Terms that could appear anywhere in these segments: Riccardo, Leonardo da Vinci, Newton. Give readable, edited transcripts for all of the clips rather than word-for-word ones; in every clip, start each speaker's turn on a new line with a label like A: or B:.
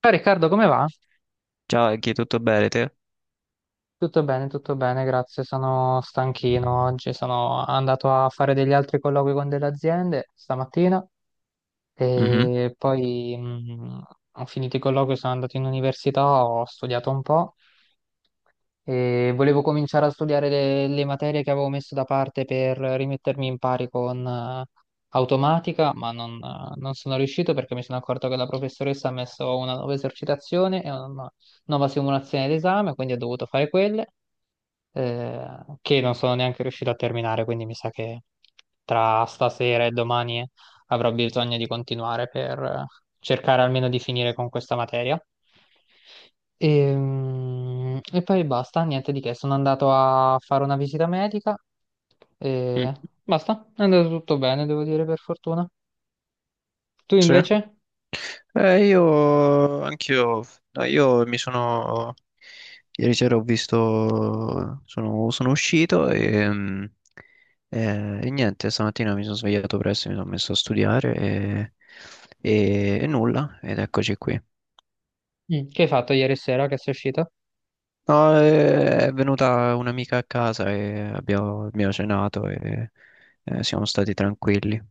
A: Ciao Riccardo, come va?
B: Ciao Eghi, tutto bene te?
A: Tutto bene, grazie. Sono stanchino oggi, sono andato a fare degli altri colloqui con delle aziende stamattina
B: Mhm.
A: e poi ho finito i colloqui, sono andato in università, ho studiato un po' e volevo cominciare a studiare le materie che avevo messo da parte per rimettermi in pari con automatica, ma non, non sono riuscito perché mi sono accorto che la professoressa ha messo una nuova esercitazione e una nuova simulazione d'esame, quindi ho dovuto fare quelle. eh, che non sono neanche riuscito a terminare, quindi mi sa che tra stasera e domani avrò bisogno di continuare per cercare almeno di finire con questa materia. E poi basta, niente di che, sono andato a fare una visita medica
B: Mm.
A: e basta, è andato tutto bene, devo dire, per fortuna. Tu
B: Sì.
A: invece?
B: Io anch'io, no, io mi sono ieri sera sono uscito e niente, stamattina mi sono svegliato presto, mi sono messo a studiare e, e nulla, ed eccoci qui.
A: Mm. Che hai fatto ieri sera che sei uscito?
B: No, è venuta un'amica a casa e abbiamo cenato e siamo stati tranquilli,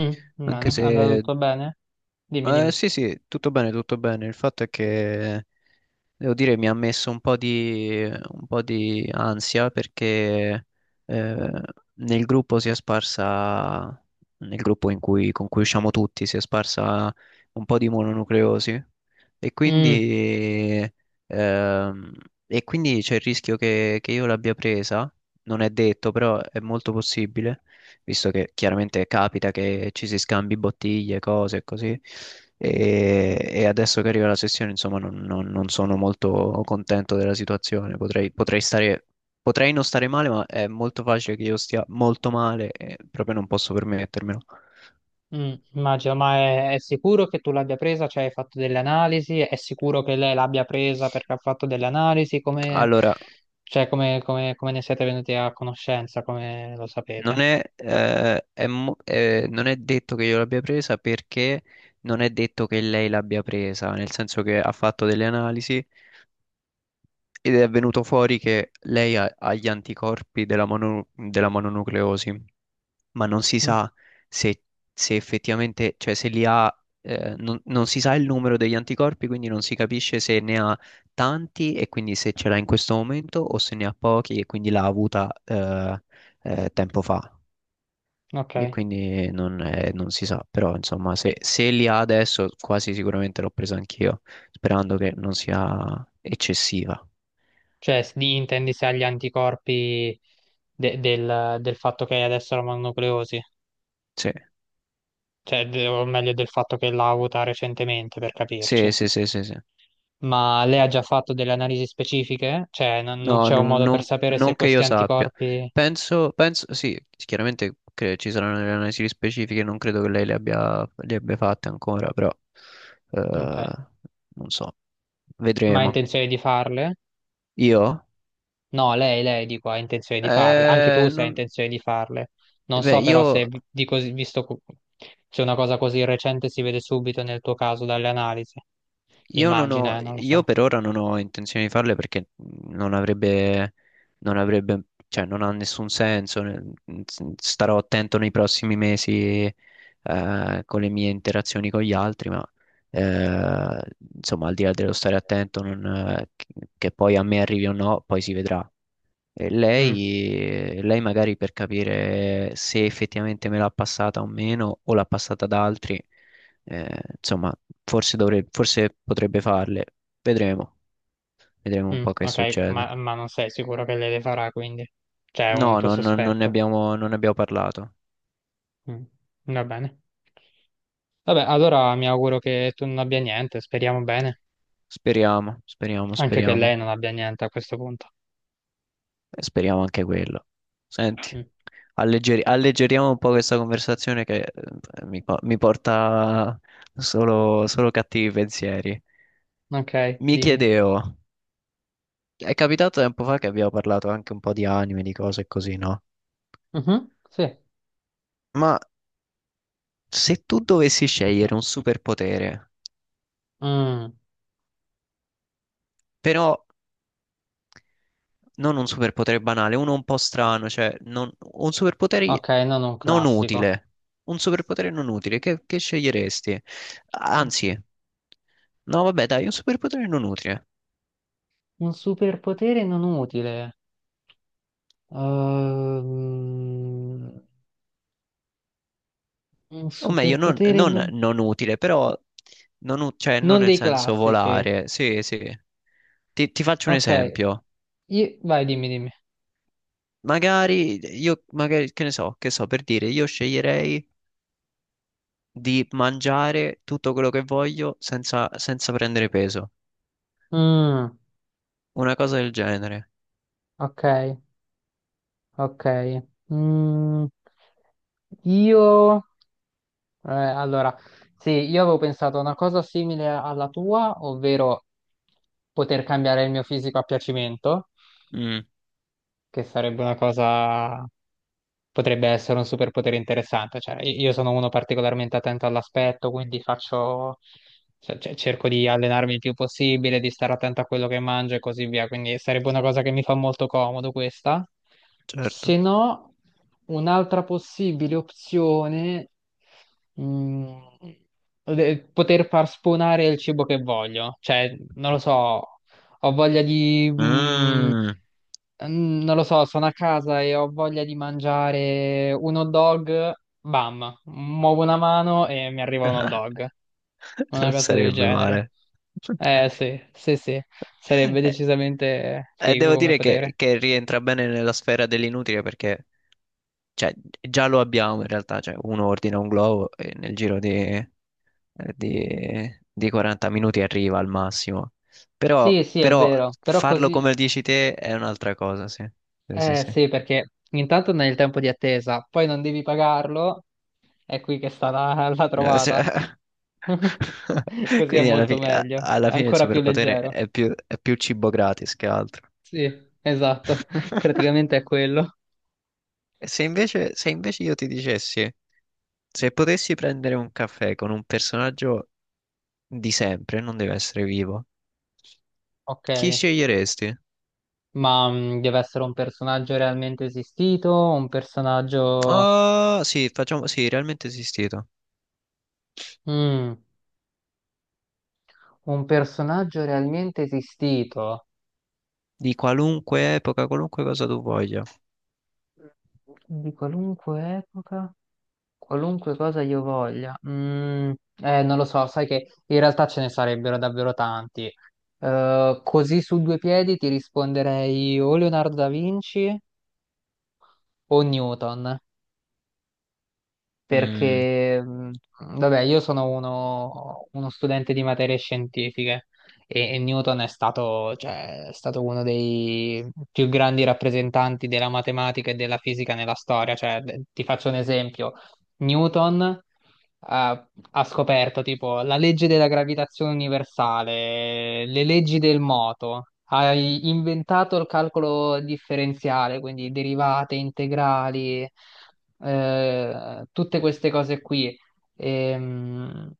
A: Mm, bene,
B: anche
A: è andato
B: se.
A: tutto bene? Dimmi, dimmi.
B: Sì, sì, tutto bene, tutto bene. Il fatto è che devo dire mi ha messo un po' di ansia perché eh, nel gruppo si è sparsa, nel gruppo con cui usciamo tutti, si è sparsa un po' di mononucleosi e
A: Mm.
B: quindi, ehm, e quindi c'è il rischio che io l'abbia presa, non è detto, però è molto possibile visto che chiaramente capita che ci si scambi bottiglie, cose e così. E adesso che arriva la sessione, insomma, non sono molto contento della situazione. Potrei non stare male, ma è molto facile che io stia molto male e proprio non posso permettermelo.
A: Mm, immagino, ma è sicuro che tu l'abbia presa? Cioè, hai fatto delle analisi? È sicuro che lei l'abbia presa perché ha fatto delle analisi? Come,
B: Allora,
A: cioè, come, come ne siete venuti a conoscenza? Come lo sapete?
B: non è detto che io l'abbia presa perché non è detto che lei l'abbia presa, nel senso che ha fatto delle analisi. Ed è venuto fuori che lei ha, ha gli anticorpi della, della mononucleosi, ma non si
A: Mm,
B: sa se, se effettivamente, cioè se li ha, non si sa il numero degli anticorpi, quindi non si capisce se ne ha tanti e quindi se ce l'ha in questo momento o se ne ha pochi e quindi l'ha avuta tempo fa.
A: ok.
B: E quindi non si sa, però insomma se,
A: Eh,
B: se li ha adesso quasi sicuramente l'ho presa anch'io, sperando che non sia eccessiva.
A: cioè, intendi se ha gli anticorpi del fatto che adesso la mononucleosi?
B: Sì.
A: Cioè, o meglio, del fatto che l'ha avuta recentemente, per
B: Sì,
A: capirci.
B: sì, sì, sì, sì.
A: Ma lei ha già fatto delle analisi specifiche? Cioè, non non
B: No,
A: c'è un
B: non,
A: modo per
B: non-
A: sapere se
B: non che
A: questi
B: io sappia.
A: anticorpi...
B: Penso, sì, chiaramente ci saranno delle analisi specifiche, non credo che lei le abbia fatte ancora, però
A: Ok.
B: eh, non so,
A: Ma ha
B: vedremo.
A: intenzione di farle?
B: Io?
A: No, lei, dico, ha intenzione di farle. Anche tu
B: Eh,
A: se hai
B: non-
A: intenzione di farle. Non
B: beh,
A: so però
B: io
A: se, visto se una cosa così recente si vede subito nel tuo caso dalle analisi.
B: Io non ho,
A: Immagina, non lo
B: io
A: so.
B: per ora non ho intenzione di farle perché non avrebbe, non avrebbe, cioè non ha nessun senso. Starò attento nei prossimi mesi, con le mie interazioni con gli altri, ma eh, insomma, al di là dello stare attento, che poi a me arrivi o no, poi si vedrà. E
A: Mm,
B: lei magari per capire se effettivamente me l'ha passata o meno, o l'ha passata ad altri, insomma, forse dovrebbe, forse potrebbe farle. Vedremo, vedremo un
A: mm,
B: po' che
A: ok,
B: succede.
A: ma non sei sicuro che lei le farà, quindi c'è un
B: No,
A: tuo
B: no, no, non ne
A: sospetto.
B: abbiamo, non ne abbiamo parlato.
A: Mm, va bene. Vabbè, allora mi auguro che tu non abbia niente, speriamo bene.
B: Speriamo, speriamo,
A: Anche che
B: speriamo.
A: lei non abbia niente a questo punto.
B: E speriamo anche quello. Senti,
A: Mm,
B: alleggeriamo un po' questa conversazione che mi porta solo cattivi pensieri.
A: ok,
B: Mi
A: dimmi.
B: chiedevo. È capitato tempo fa che abbiamo parlato anche un po' di anime, di cose e così, no?
A: Mhm, sì.
B: Ma se tu dovessi scegliere un superpotere,
A: Mm,
B: però non un superpotere banale, uno un po' strano, cioè un superpotere
A: ok, non un
B: non
A: classico.
B: utile, che sceglieresti?
A: Un
B: Anzi, no, vabbè, dai, un superpotere non utile,
A: un superpotere non utile. Ehm, un
B: o meglio,
A: superpotere non...
B: non utile, però non, cioè, non
A: non
B: nel
A: dei
B: senso
A: classici.
B: volare, sì, sì. Ti faccio un
A: Ok,
B: esempio.
A: vai, dimmi, dimmi.
B: Magari, io, che ne so, che so, per dire, io sceglierei di mangiare tutto quello che voglio senza prendere peso.
A: Mm,
B: Una cosa del genere.
A: ok, ok. Mm, io, eh, allora, sì, io avevo pensato a una cosa simile alla tua, ovvero poter cambiare il mio fisico a piacimento,
B: Mm.
A: che sarebbe una cosa potrebbe essere un superpotere interessante. Cioè, io sono uno particolarmente attento all'aspetto, quindi faccio, cioè, cerco di allenarmi il più possibile, di stare attento a quello che mangio e così via. Quindi sarebbe una cosa che mi fa molto comodo questa.
B: Certo.
A: Se no, un'altra possibile opzione, mm, poter far spawnare il cibo che voglio. Cioè, non lo so, ho voglia di...
B: Mm.
A: Non lo so, sono a casa e ho voglia di mangiare un hot dog, bam, muovo una mano e mi arriva un hot dog, una
B: Non
A: cosa del
B: sarebbe
A: genere.
B: male.
A: Eh sì, sì, sì, sarebbe
B: Eh,
A: decisamente
B: eh,
A: figo
B: devo
A: come
B: dire che,
A: potere.
B: che rientra bene nella sfera dell'inutile perché. Cioè, già lo abbiamo in realtà, cioè uno ordina un globo e nel giro di 40 minuti arriva al massimo. Però,
A: Sì, sì, è
B: però
A: vero, però
B: farlo
A: così,
B: come lo dici te è un'altra cosa, sì. Sì, sì,
A: eh
B: sì.
A: sì, perché intanto non hai il tempo di attesa, poi non devi pagarlo, è qui che sta la
B: Sì.
A: trovata. Così è
B: Quindi alla,
A: molto
B: fi- a-
A: meglio,
B: alla
A: è
B: fine il
A: ancora più
B: superpotere
A: leggero.
B: è più cibo gratis che altro.
A: Sì, esatto, praticamente è quello.
B: E se invece io ti dicessi, se potessi prendere un caffè con un personaggio di sempre, non deve essere vivo.
A: Ok,
B: Chi sceglieresti?
A: ma deve essere un personaggio realmente esistito, un personaggio...
B: Ah, sì, facciamo, sì, realmente esistito.
A: Mm, un personaggio realmente esistito
B: Di qualunque epoca, qualunque cosa tu voglia.
A: di qualunque epoca, qualunque cosa io voglia. Mm, non lo so, sai che in realtà ce ne sarebbero davvero tanti. Così su due piedi ti risponderei o Leonardo da Vinci o Newton.
B: Mm,
A: Perché, vabbè, io sono uno studente di materie scientifiche e Newton è stato, cioè, è stato uno dei più grandi rappresentanti della matematica e della fisica nella storia. Cioè, ti faccio un esempio. Newton ha scoperto tipo la legge della gravitazione universale, le leggi del moto, hai inventato il calcolo differenziale, quindi derivate, integrali, tutte queste cose qui. Ehm,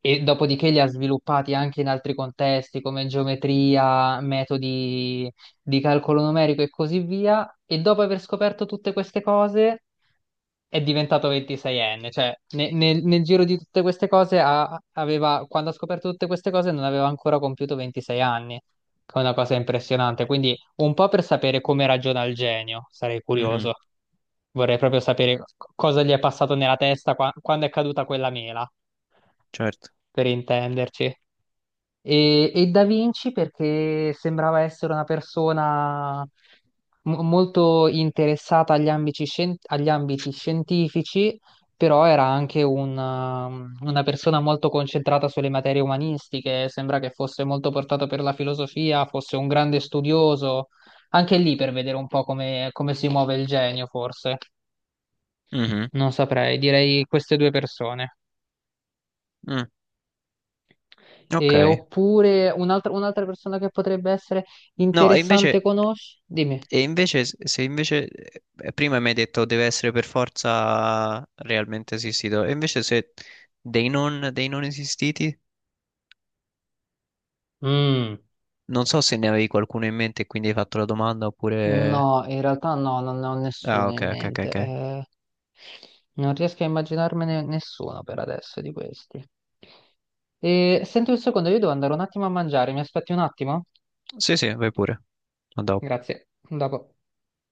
A: E dopodiché li ha sviluppati anche in altri contesti come geometria, metodi di calcolo numerico e così via. E dopo aver scoperto tutte queste cose è diventato 26enne, cioè nel giro di tutte queste cose aveva, quando ha scoperto tutte queste cose non aveva ancora compiuto 26 anni, che è una cosa impressionante, quindi un po' per sapere come ragiona il genio, sarei
B: mhm,
A: curioso, vorrei proprio sapere cosa gli è passato nella testa quando è caduta quella mela,
B: certo.
A: per intenderci. E Da Vinci perché sembrava essere una persona molto interessata agli ambiti, agli ambiti scientifici, però era anche un, una persona molto concentrata sulle materie umanistiche, sembra che fosse molto portato per la filosofia, fosse un grande studioso, anche lì per vedere un po' come come si muove il genio, forse.
B: Mhm,
A: Non saprei, direi queste due persone.
B: mm, ok.
A: E, oppure un'altra persona che potrebbe essere
B: No,
A: interessante conosci? Dimmi.
B: e invece, s- se invece, prima mi hai detto deve essere per forza realmente esistito, e invece se dei non esistiti,
A: Mm,
B: non so se ne avevi qualcuno in mente e quindi hai fatto la domanda oppure...
A: no, in realtà no, non ne ho
B: Ah,
A: nessuno
B: ok,
A: in
B: ok, ok,
A: mente.
B: ok.
A: Non riesco a immaginarmene nessuno per adesso di questi. E, senti un secondo, io devo andare un attimo a mangiare, mi aspetti un attimo?
B: Sì, sì, vai pure. A dopo.
A: Grazie, a dopo.